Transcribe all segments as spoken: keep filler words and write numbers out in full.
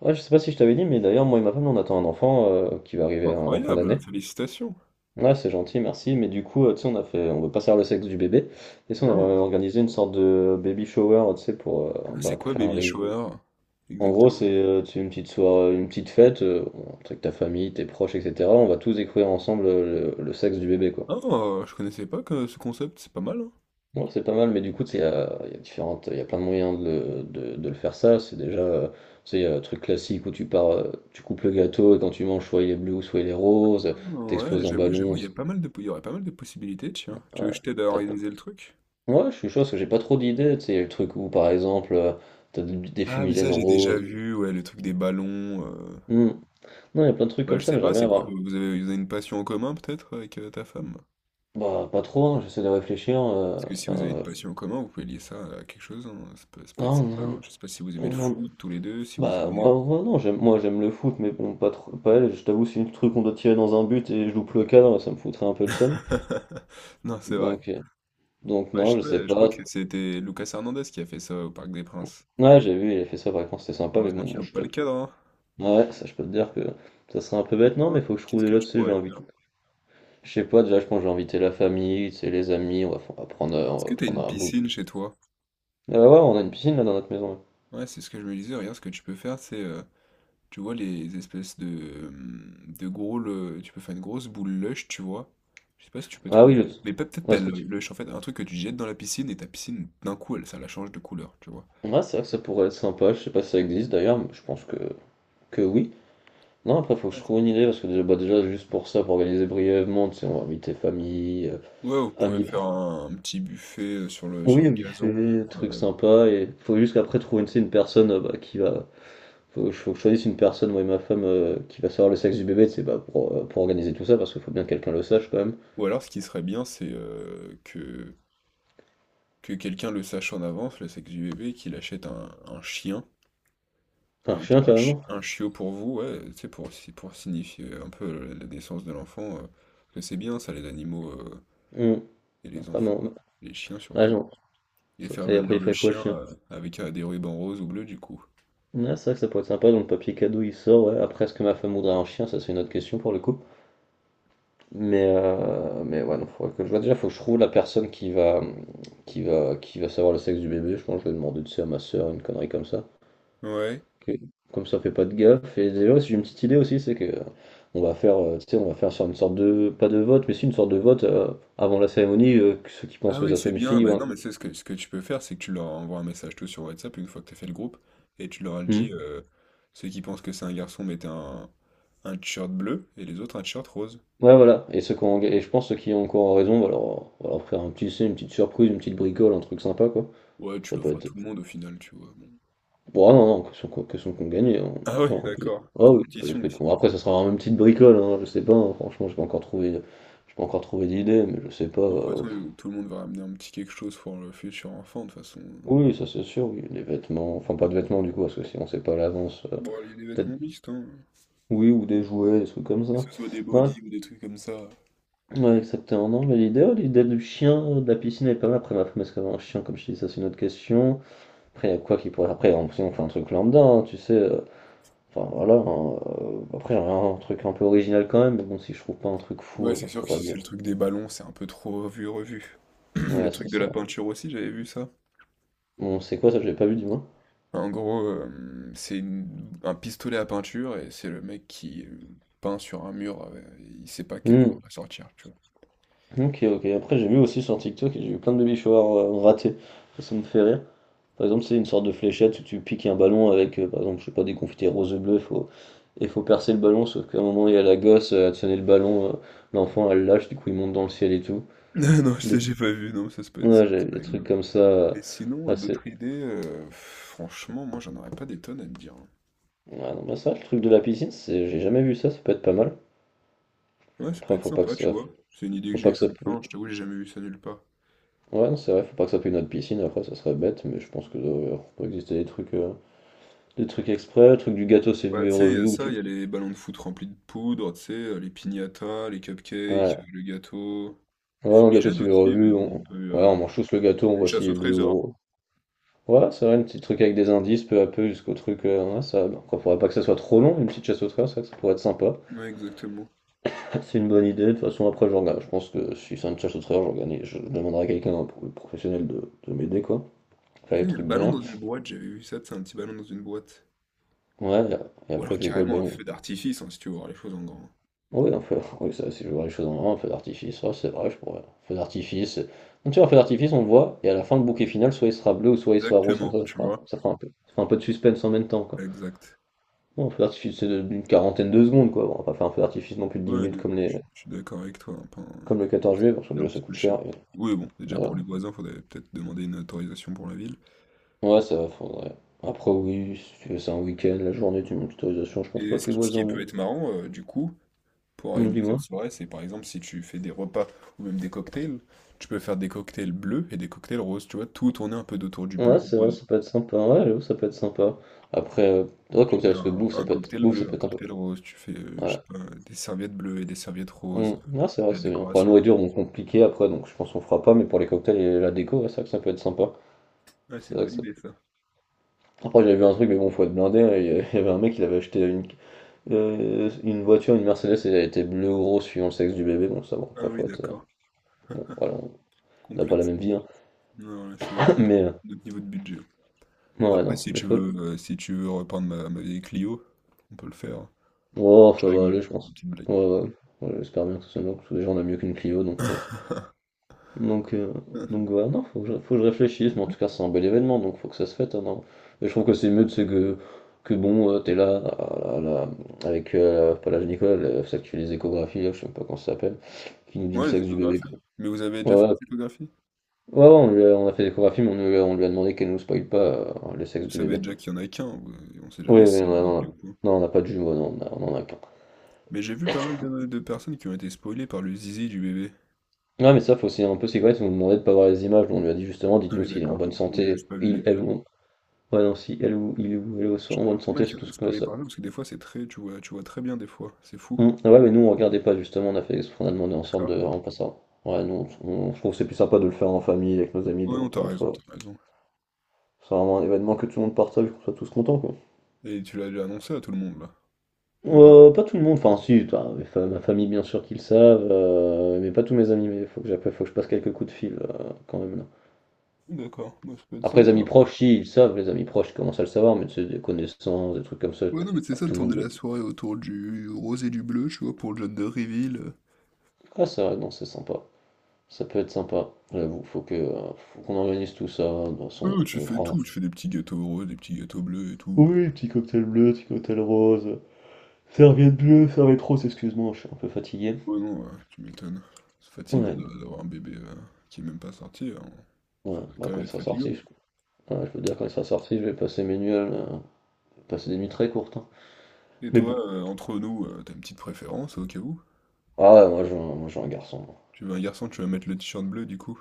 Ouais, je sais pas si je t'avais dit, mais d'ailleurs, moi et ma femme, on attend un enfant euh, qui va arriver en en fin Incroyable, d'année. félicitations. Ouais, c'est gentil, merci. Mais du coup, euh, tu sais, on a fait, on veut pas savoir le sexe du bébé. Et ça, on Ah, aimerait organisé une sorte de baby shower, euh, tu sais, pour, euh, c'est bah, pour quoi faire un baby réveil. shower? En gros, Exactement. c'est euh, tu sais, une petite soirée, une petite fête, euh, avec ta famille, tes proches, et cetera. On va tous découvrir ensemble euh, le, le sexe du bébé, quoi. Ah, je connaissais pas que ce concept, c'est pas mal, hein. Bon, c'est pas mal, mais du coup, tu sais, il y a, il y a différentes, il y a plein de moyens de, le de- de le faire ça. C'est déjà, euh, tu sais, il y a le truc classique où tu pars, euh, tu coupes le gâteau et quand tu manges, soit il est bleu, soit il est rose, Ah, ouais, t'exploses un j'avoue, j'avoue, ballon. il y a c'est- pas mal de, il y aurait pas mal de possibilités, tiens. Tu veux Ouais, que je t'aide à t'as pas- organiser le truc? Ouais, je suis chaud parce que j'ai pas trop d'idées. Tu sais, il y a le truc où, par exemple, euh, t'as des, des Ah, mais ça, fumigènes j'ai déjà roses. vu, ouais, le truc des ballons. euh. Hmm. Non, il y a plein de trucs Bah, comme je ça, sais mais pas, j'aimerais bien c'est quoi, avoir. vous vous avez, vous avez une passion en commun, peut-être, avec euh, ta femme? Bah, pas trop, hein, j'essaie de réfléchir. euh, Parce que si vous avez une euh, passion en commun, vous pouvez lier ça à quelque chose, hein. Ça peut, ça peut être sympa, hein. Non, Je sais pas si vous on aimez le en, on en foot, tous les deux, si vous Bah aimez... moi, moi, non, j'aime moi j'aime le foot mais bon pas trop pas elle, je t'avoue si le truc on doit tirer dans un but et je loupe le cadre, ça me foutrait un peu le seum. Non, c'est vrai. Donc euh, donc Ouais, je, non, sais, je sais pas, je crois pas. que c'était Lucas Hernandez qui a fait ça au Parc des Princes. Ouais, j'ai vu, il a fait ça par exemple, c'était sympa mais Heureusement bon, qu'il moi loupe je pas te le cadre, hein. Ouais, ça je peux te dire que ça serait un peu bête non, Non. mais faut que je trouve Qu'est-ce des que lots, tu tu sais, j'ai pourrais invité faire? je sais pas, déjà je pense que j'ai invité la famille, tu sais les amis, on va, on va prendre euh, on Est-ce que va t'as une prendre un bout. piscine chez toi? Ah bah ouais, on a une piscine là dans notre maison. Là. Ouais, c'est ce que je me disais. Regarde, ce que tu peux faire, c'est... euh, tu vois les espèces de... euh, de gros... le- tu peux faire une grosse boule lush, tu vois. Je sais pas si tu peux Ah oui, trouver... je... Mais pas- peut-être ouais, pas est-ce le que tu lush, en fait. Un truc que tu jettes dans la piscine et ta piscine, d'un coup, elle, ça la change de couleur, tu vois. Ouais, c'est vrai que ça pourrait être sympa, je sais pas si ça existe d'ailleurs, mais je pense que que oui. Non, après, faut que je Ouais, trouve une idée, parce que déjà, bah, déjà juste pour ça, pour organiser brièvement, tu sais, on va inviter famille, euh, Ouais, vous pouvez amis. faire un, un petit buffet euh, sur le, sur Oui, au le gazon. buffet, truc euh, sympa, et faut juste qu'après trouver, une, tu sais, une personne euh, bah, qui va. Faut, que je- faut que je choisisse une personne, moi et ma femme, euh, qui va savoir le sexe du bébé, tu sais, bah, pour, euh, pour organiser tout ça, parce qu'il faut bien que quelqu'un le sache quand même. Ou alors, ce qui serait bien, c'est euh, que que quelqu'un le sache en avance, le sexe du bébé, qu'il achète un, un chien, Un un, chien, un, chi- carrément. un chiot pour vous, ouais, tu sais, pour, si- pour signifier un peu la, la naissance de l'enfant, euh, parce que c'est bien ça, les animaux euh, Hum. et les Après, enfants, bon, les chiens ah, surtout. non. Et Ça- faire Et après, venir il le ferait quoi le chien chien? euh, avec euh, des rubans roses ou bleus, du coup. Ah, c'est vrai que ça pourrait être sympa, donc le papier cadeau il sort, ouais. Après, est-ce que ma femme voudrait un chien? Ça, c'est une autre question pour le coup. Mais, euh, mais ouais, non, faudrait que je vois. Déjà, faut que je trouve la personne qui va, qui va, qui va savoir le sexe du bébé. Je pense que je vais demander tu sais, à ma soeur une connerie comme ça. Ouais. Ok. Comme ça, fait pas de gaffe. Et d'ailleurs, si j'ai une petite idée aussi, c'est que euh, on va faire, euh, tu sais, on va faire sur une sorte de, pas de vote, mais si une sorte de vote euh, avant la cérémonie, euh, que ceux qui pensent Ah que oui, ça c'est soit une bien. fille ou Bah, non, un- mais c'est ce que, ce que tu peux faire, c'est que tu leur envoies un message tout sur WhatsApp une fois que tu as fait le groupe, et tu leur Hmm. dis, euh, ceux qui pensent que c'est un garçon, mettez un, un t-shirt bleu, et les autres un t-shirt rose. Ouais, voilà. Et ceux qui ont- et je pense ceux qui ont encore raison, on va leur, on va leur faire un petit, tu sais, une petite surprise, une petite bricole, un truc sympa, quoi. Ouais, tu Ça peut l'offres à être. tout le monde au final, tu vois. Bon. Bon, ah non, non, question qu'on question qu'on gagne. on- Ah ouais, Attends, un peu. d'accord. Ah oui, pas Compétition d'esprit de ici. con. Après, ça sera vraiment une petite bricole, hein, je sais pas, hein, franchement, j'ai pas encore trouvé, j'ai pas encore trouvé d'idée, mais je sais pas. Ouais, de toute euh, façon, euh, tout le monde va ramener un petit quelque chose pour le futur enfant, de toute façon. Oui, ça c'est sûr, oui, des vêtements, enfin pas de vêtements du coup, parce que si on sait pas à l'avance, euh, Bon, il y a des peut-être, vêtements mixtes, hein. oui, ou des jouets, des trucs comme Que ça. ce soit des Ouais, bodys ou des trucs comme ça. ouais, exactement, non, mais l'idée, ouais, l'idée du chien, euh, de la piscine est pas mal. Après, ma femme, est-ce qu'elle a un chien, comme je te dis, ça c'est une autre question. Après, il y a quoi qui pourrait. Après, on, si on fait un truc lambda, hein, tu sais. euh, Enfin voilà, hein, euh, après un, truc un peu original quand même, mais bon si je trouve pas un truc Ouais, fou, euh, c'est sûr que faudra si c'est bien. le truc des ballons, c'est un peu trop revu, revu. Le Ouais c'est truc de ça. la peinture aussi, j'avais vu ça. Bon c'est quoi ça, j'ai pas vu du moins. En gros, euh, c'est une- un pistolet à peinture et c'est le mec qui euh, peint sur un mur, euh, il sait pas quelle Hmm, couleur va sortir, tu vois. Ok ok, après j'ai vu aussi sur TikTok, j'ai vu plein de baby showers euh, ratés, ça, ça me fait rire. Par exemple c'est une sorte de fléchette où tu piques un ballon avec euh, par exemple je sais pas des confettis roses et bleues, faut... et faut percer le ballon sauf qu'à un moment il y a la gosse, euh, elle tenait le ballon, euh, l'enfant elle lâche, du coup il monte dans le ciel et tout. Non, je Des... l'ai j'ai pas vu, non, ça, ça peut être Ouais j'avais ça des trucs rigolo. comme ça, euh, Et sinon, assez... d'autres idées, euh, franchement, moi, j'en aurais pas des tonnes à te dire, hein. Ouais, non, bah ça, le truc de la piscine, c'est j'ai jamais vu ça, ça peut être pas mal. Ouais, ça peut Après, être faut pas que sympa, tu ça, vois. C'est une idée que faut j'ai pas eue que ça, comme ça, hein, pollue- je t'avoue, j'ai jamais vu ça nulle part. ouais, non, c'est vrai, faut pas que ça pollue notre piscine. Après, ça serait bête, mais je pense que euh, peut exister des trucs, euh, des trucs exprès, le truc du gâteau c'est Ouais, vu et tu sais, il y revu a où ça, il y tu, a les ballons de foot remplis de poudre, tu sais, euh, les piñatas, les cupcakes, ouais, euh, le gâteau. ouais, non, le gâteau Fumigène c'est vu et aussi, mais revu, on, bon, un peu ouais, euh, on mange tous le gâteau, on une voit chasse s'il au est bleu ou trésor. rose. Ouais, c'est vrai, un petit truc avec des indices peu à peu jusqu'au truc, euh, ouais, ça, bah, après, faudrait pas que ça soit trop long, une petite chasse au trésor, c'est vrai que ça pourrait être sympa. Ouais, exactement. C'est une bonne idée. De toute façon, après, je, regarde. Je pense que si c'est un challenge de travers, je, regarde. Je demanderai à quelqu'un, un professionnel, de, de m'aider, quoi. Faire Tu les sais, il y a le trucs ballon bien. dans une boîte, j'avais vu ça, c'est un petit ballon dans une boîte. Ouais, et Ou après, alors il fait quoi le carrément un ballon? feu d'artifice, hein, si tu veux voir les choses en grand. Oui, en fait oui, ça, si je vois les choses en main, un feu d'artifice, ouais, c'est vrai, je pourrais. Feu d'artifice. Donc, tu vois, un feu d'artifice, on le voit, et à la fin, le bouquet final, soit il sera bleu ou soit il sera rose, comme Exactement, ça, ça tu fera, vois. ça fera un peu, ça fera un peu de suspense en même temps, quoi. Exact. Bon, un feu d'artifice, c'est de- d'une quarantaine de secondes, quoi. Bon, on va pas faire un feu d'artifice non plus de dix Ouais, minutes non, comme je les, je suis d'accord avec toi, hein, pas un- comme le quatorze ça juillet, va parce que coûter un déjà, ça petit peu coûte cher. cher, et, Oui, bon, mais déjà pour voilà. les voisins, faudrait peut-être demander une autorisation pour la ville. Ouais, ça va, faudrait. Après, oui, si tu veux, c'est un week-end, la journée, tu mets une autorisation, je pense Et pas ce que les qui, ce voisins qui peut vont. être marrant, euh, du coup, pour Hum, organiser une Dis-moi. soirée, c'est par exemple si tu fais des repas ou même des cocktails, tu peux faire des cocktails bleus et des cocktails roses, tu vois, tout tourner un peu autour du Ouais, bleu, c'est vrai, rose. ça peut être sympa. Ouais, j'avoue, ça peut être sympa. Après, euh, ouais, Tu cocktail, fais parce que Un, bouffe, ça un peut être, cocktail bouffe, ça bleu, un peut être un peu cocktail plus. rose, tu fais, euh, je Ouais. sais pas, des serviettes bleues et des serviettes roses, Hum, ouais, c'est vrai de que la c'est bien. Pour la décoration. nourriture, on compliqué après, donc je pense qu'on fera pas, mais pour les cocktails et la déco, ouais, c'est vrai que ça peut être sympa. Ouais, c'est C'est une vrai que bonne ça. idée ça. Après, j'avais vu un truc, mais bon, faut être blindé. là, Il y a- il y avait un mec, il avait acheté une, euh, une voiture, une Mercedes, et elle était bleue ou rose suivant le sexe du bébé. Bon, ça, bon, Ah après, oui, faut être. euh, d'accord. Bon, voilà, on n'a pas la Complexe. même vie, hein. Non, là, c'est Mais. euh, notre niveau de budget. Ouais, ouais, Après, non, si mais tu faut... veux, euh, si tu veux reprendre ma, ma vieille Clio, on peut le faire, hein. Oh, Je ça va rigole, aller, je une pense. petite blague. Ouais, ouais, ouais, Ouais, j'espère bien que ça sonne parce que déjà on a mieux qu'une Clio, donc... euh, Donc, euh, donc ouais, non, faut que, je, faut que je réfléchisse, mais en tout cas c'est un bel événement, donc faut que ça se fête, hein, non. Et je trouve que c'est mieux, c'est que, que bon, euh, t'es là, là, là, là, avec, euh, pas l'âge Nicolas, le- celle qui fait les échographies, là, je sais même pas comment ça s'appelle, qui nous dit le Ouais, les sexe du bébé, échographies. Mais vous avez déjà fait quoi. Ouais, les échographies? ouais, ouais, ouais, on lui a, on a fait l'échographie, mais on lui a, on lui a demandé qu'elle nous spoile pas euh, le sexe Vous du savez bébé. déjà qu'il y en a qu'un, vous- on sait Oui, jamais si oui, c'est on a- on dédoublé ou a- pas. non, on n'a pas de jumeaux, non, on a- on en a qu'un. Mais j'ai vu pas mal de, de personnes qui ont été spoilées par le zizi du bébé. Ouais, mais ça, faut aussi un peu sécuriser. Ils nous demandait de pas voir les images. On lui a dit justement, Ah dites-nous oui, s'il est en d'accord, bonne j'ai juste santé, pas vu les il, elle images. ou ouais, non, si elle ou il ou elle est J'en en ai vu bonne pas santé, mal qui c'est ont tout été ce que spoilées ça. par ça, parce que des fois c'est très, tu vois, tu vois très bien des fois, c'est fou. Hum, ah ouais, mais nous, on regardait pas justement. On a fait, on a demandé en sorte de D'accord. vraiment pas ça. Ouais, nous, on, on- je trouve que c'est plus sympa de le faire en famille avec nos amis, Ouais, non, donc t'as qu'on raison, soit. t'as raison. C'est vraiment un événement que tout le monde partage, qu'on soit tous contents, quoi. Et tu l'as déjà annoncé à tout le monde, là, ou pas? Euh, pas tout le monde, enfin si, toi, mes fa- ma famille bien sûr qu'ils le savent, euh, mais pas tous mes amis, mais faut que j'appelle, faut que je passe quelques coups de fil euh, quand même. D'accord, bah, ça peut être Après, les sympa. amis proches, si, ils le savent, les amis proches commencent à le savoir, mais tu sais, des connaissances, des trucs comme ça, Ouais, non, mais c'est pas ça, de tout le monde tourner le. la soirée autour du rose et du bleu, tu vois, pour le John de Reveal. euh. Ah, c'est vrai, non, c'est sympa. Ça peut être sympa, j'avoue. Faut que, euh, faut qu'on organise tout ça. De toute façon, Non, tu on fais prend. tout, tu fais des petits gâteaux roses, des petits gâteaux bleus et tout. euh. Oui, petit cocktail bleu, petit cocktail rose, serviette bleue, serviette rose, excuse-moi, je suis un peu fatigué. Ouais, non, euh, tu m'étonnes. C'est fatigant Ouais, de- d'avoir un bébé euh, qui est même pas sorti, hein. ouais, Ça doit bah quand quand même il être sera fatigant. sorti, je, ouais, je peux te dire, quand il sera sorti, je vais passer mes nuits, euh, passer des nuits très courtes, hein. Et Mais bon. toi, euh, entre nous, euh, t'as une petite préférence au cas où? Ah ouais, moi, je, moi, j'ai un garçon. Tu veux un garçon, tu vas mettre le t-shirt bleu du coup?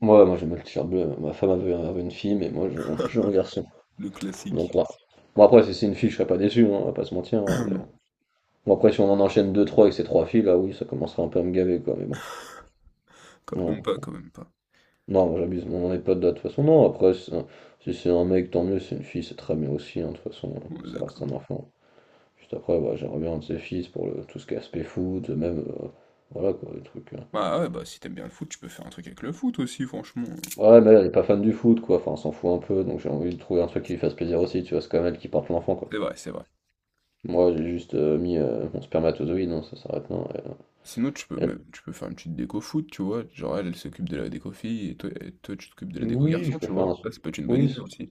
Moi, moi, moi j'aime le t-shirt bleu. Ma femme avait, avait une fille, mais moi, je- j'ai un garçon. Le classique. Donc là. Bon après si c'est une fille je serais pas déçu, hein, on va pas se mentir, hein, mais... Non, Bon après si on en enchaîne deux trois avec ces trois filles là oui ça commencerait un peu à me gaver quoi mais bon. quand même Non, pas, quand même pas. non j'abuse, mais on en est pas de là de toute façon. Non après un- si c'est un mec tant mieux, si c'est une fille c'est très bien aussi hein, de toute façon On est ça reste d'accord. un enfant. Juste après ouais, j'aimerais bien un de ses fils pour le... tout ce qui est aspect foot, même euh, voilà quoi les trucs, hein. Bah ouais, bah si t'aimes bien le foot, tu peux faire un truc avec le foot aussi, franchement. Ouais mais elle est pas fan du foot quoi, enfin on s'en fout un peu donc j'ai envie de trouver un truc qui lui fasse plaisir aussi, tu vois, c'est quand même elle qui porte l'enfant quoi. C'est vrai, c'est vrai. Moi j'ai juste euh, mis euh, mon spermatozoïde, non, ça s'arrête là. Elle, Sinon, tu peux elle même, tu peux faire une petite déco foot, tu vois. Genre, elle, elle s'occupe de la déco fille et toi, et toi, tu t'occupes de la déco Oui, garçon, je peux tu faire vois. un truc. Ça, ça peut être une bonne Oui, idée c'est- aussi.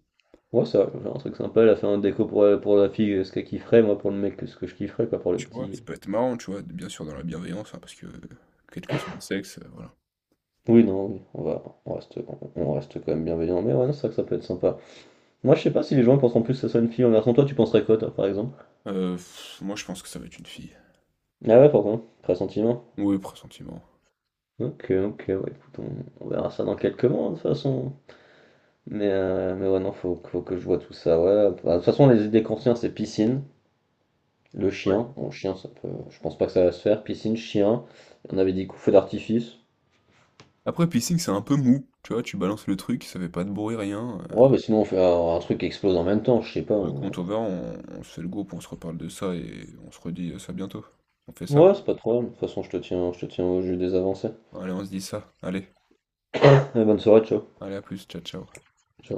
ouais, ça, je peux faire un truc sympa, la faire un déco pour, la- pour la fille, euh, ce qu'elle kifferait, moi pour le mec, ce que je kifferais, pas pour le Tu vois? Ça petit. peut être marrant, tu vois, bien sûr dans la bienveillance, hein, parce que euh, quel que soit le sexe, heu, voilà. Oui, non, oui, on va, on reste, on, on reste quand même bienveillant, mais ouais, non, c'est vrai que ça peut être sympa. Moi, je sais pas si les gens pensent en plus que ça soit une fille en garçon, toi, tu penserais quoi, toi, par exemple? Heu, moi je pense que ça va être une fille. Ah ouais, pourquoi? Pressentiment? Oui, pressentiment. Ok, ok, ouais, écoute, on, on verra ça dans quelques mois, hein, de toute façon. Mais, euh, mais ouais, non, faut, faut que je vois tout ça, ouais. Bah, de toute façon, les idées qu'on c'est piscine. Le Ouais. chien, bon chien ça peut, je pense pas que ça va se faire. Piscine, chien, on avait dit coup feu d'artifice. Après piercing, c'est un peu mou, tu vois? Tu balances le truc, ça fait pas de bruit, rien, heu, Ouais, bah sinon on fait un, un truc qui explose en même temps, je sais pas. bah, on- écoute, on verra, on on se fait le groupe, on se reparle de ça et on se redit, euh, ça bientôt. On fait ça? Ouais, c'est pas trop grave. De toute façon, je te tiens, je te tiens au jus des avancées. Allez, on se dit ça. Allez, Allez, bonne soirée, ciao. allez à plus, ciao, ciao. Ciao.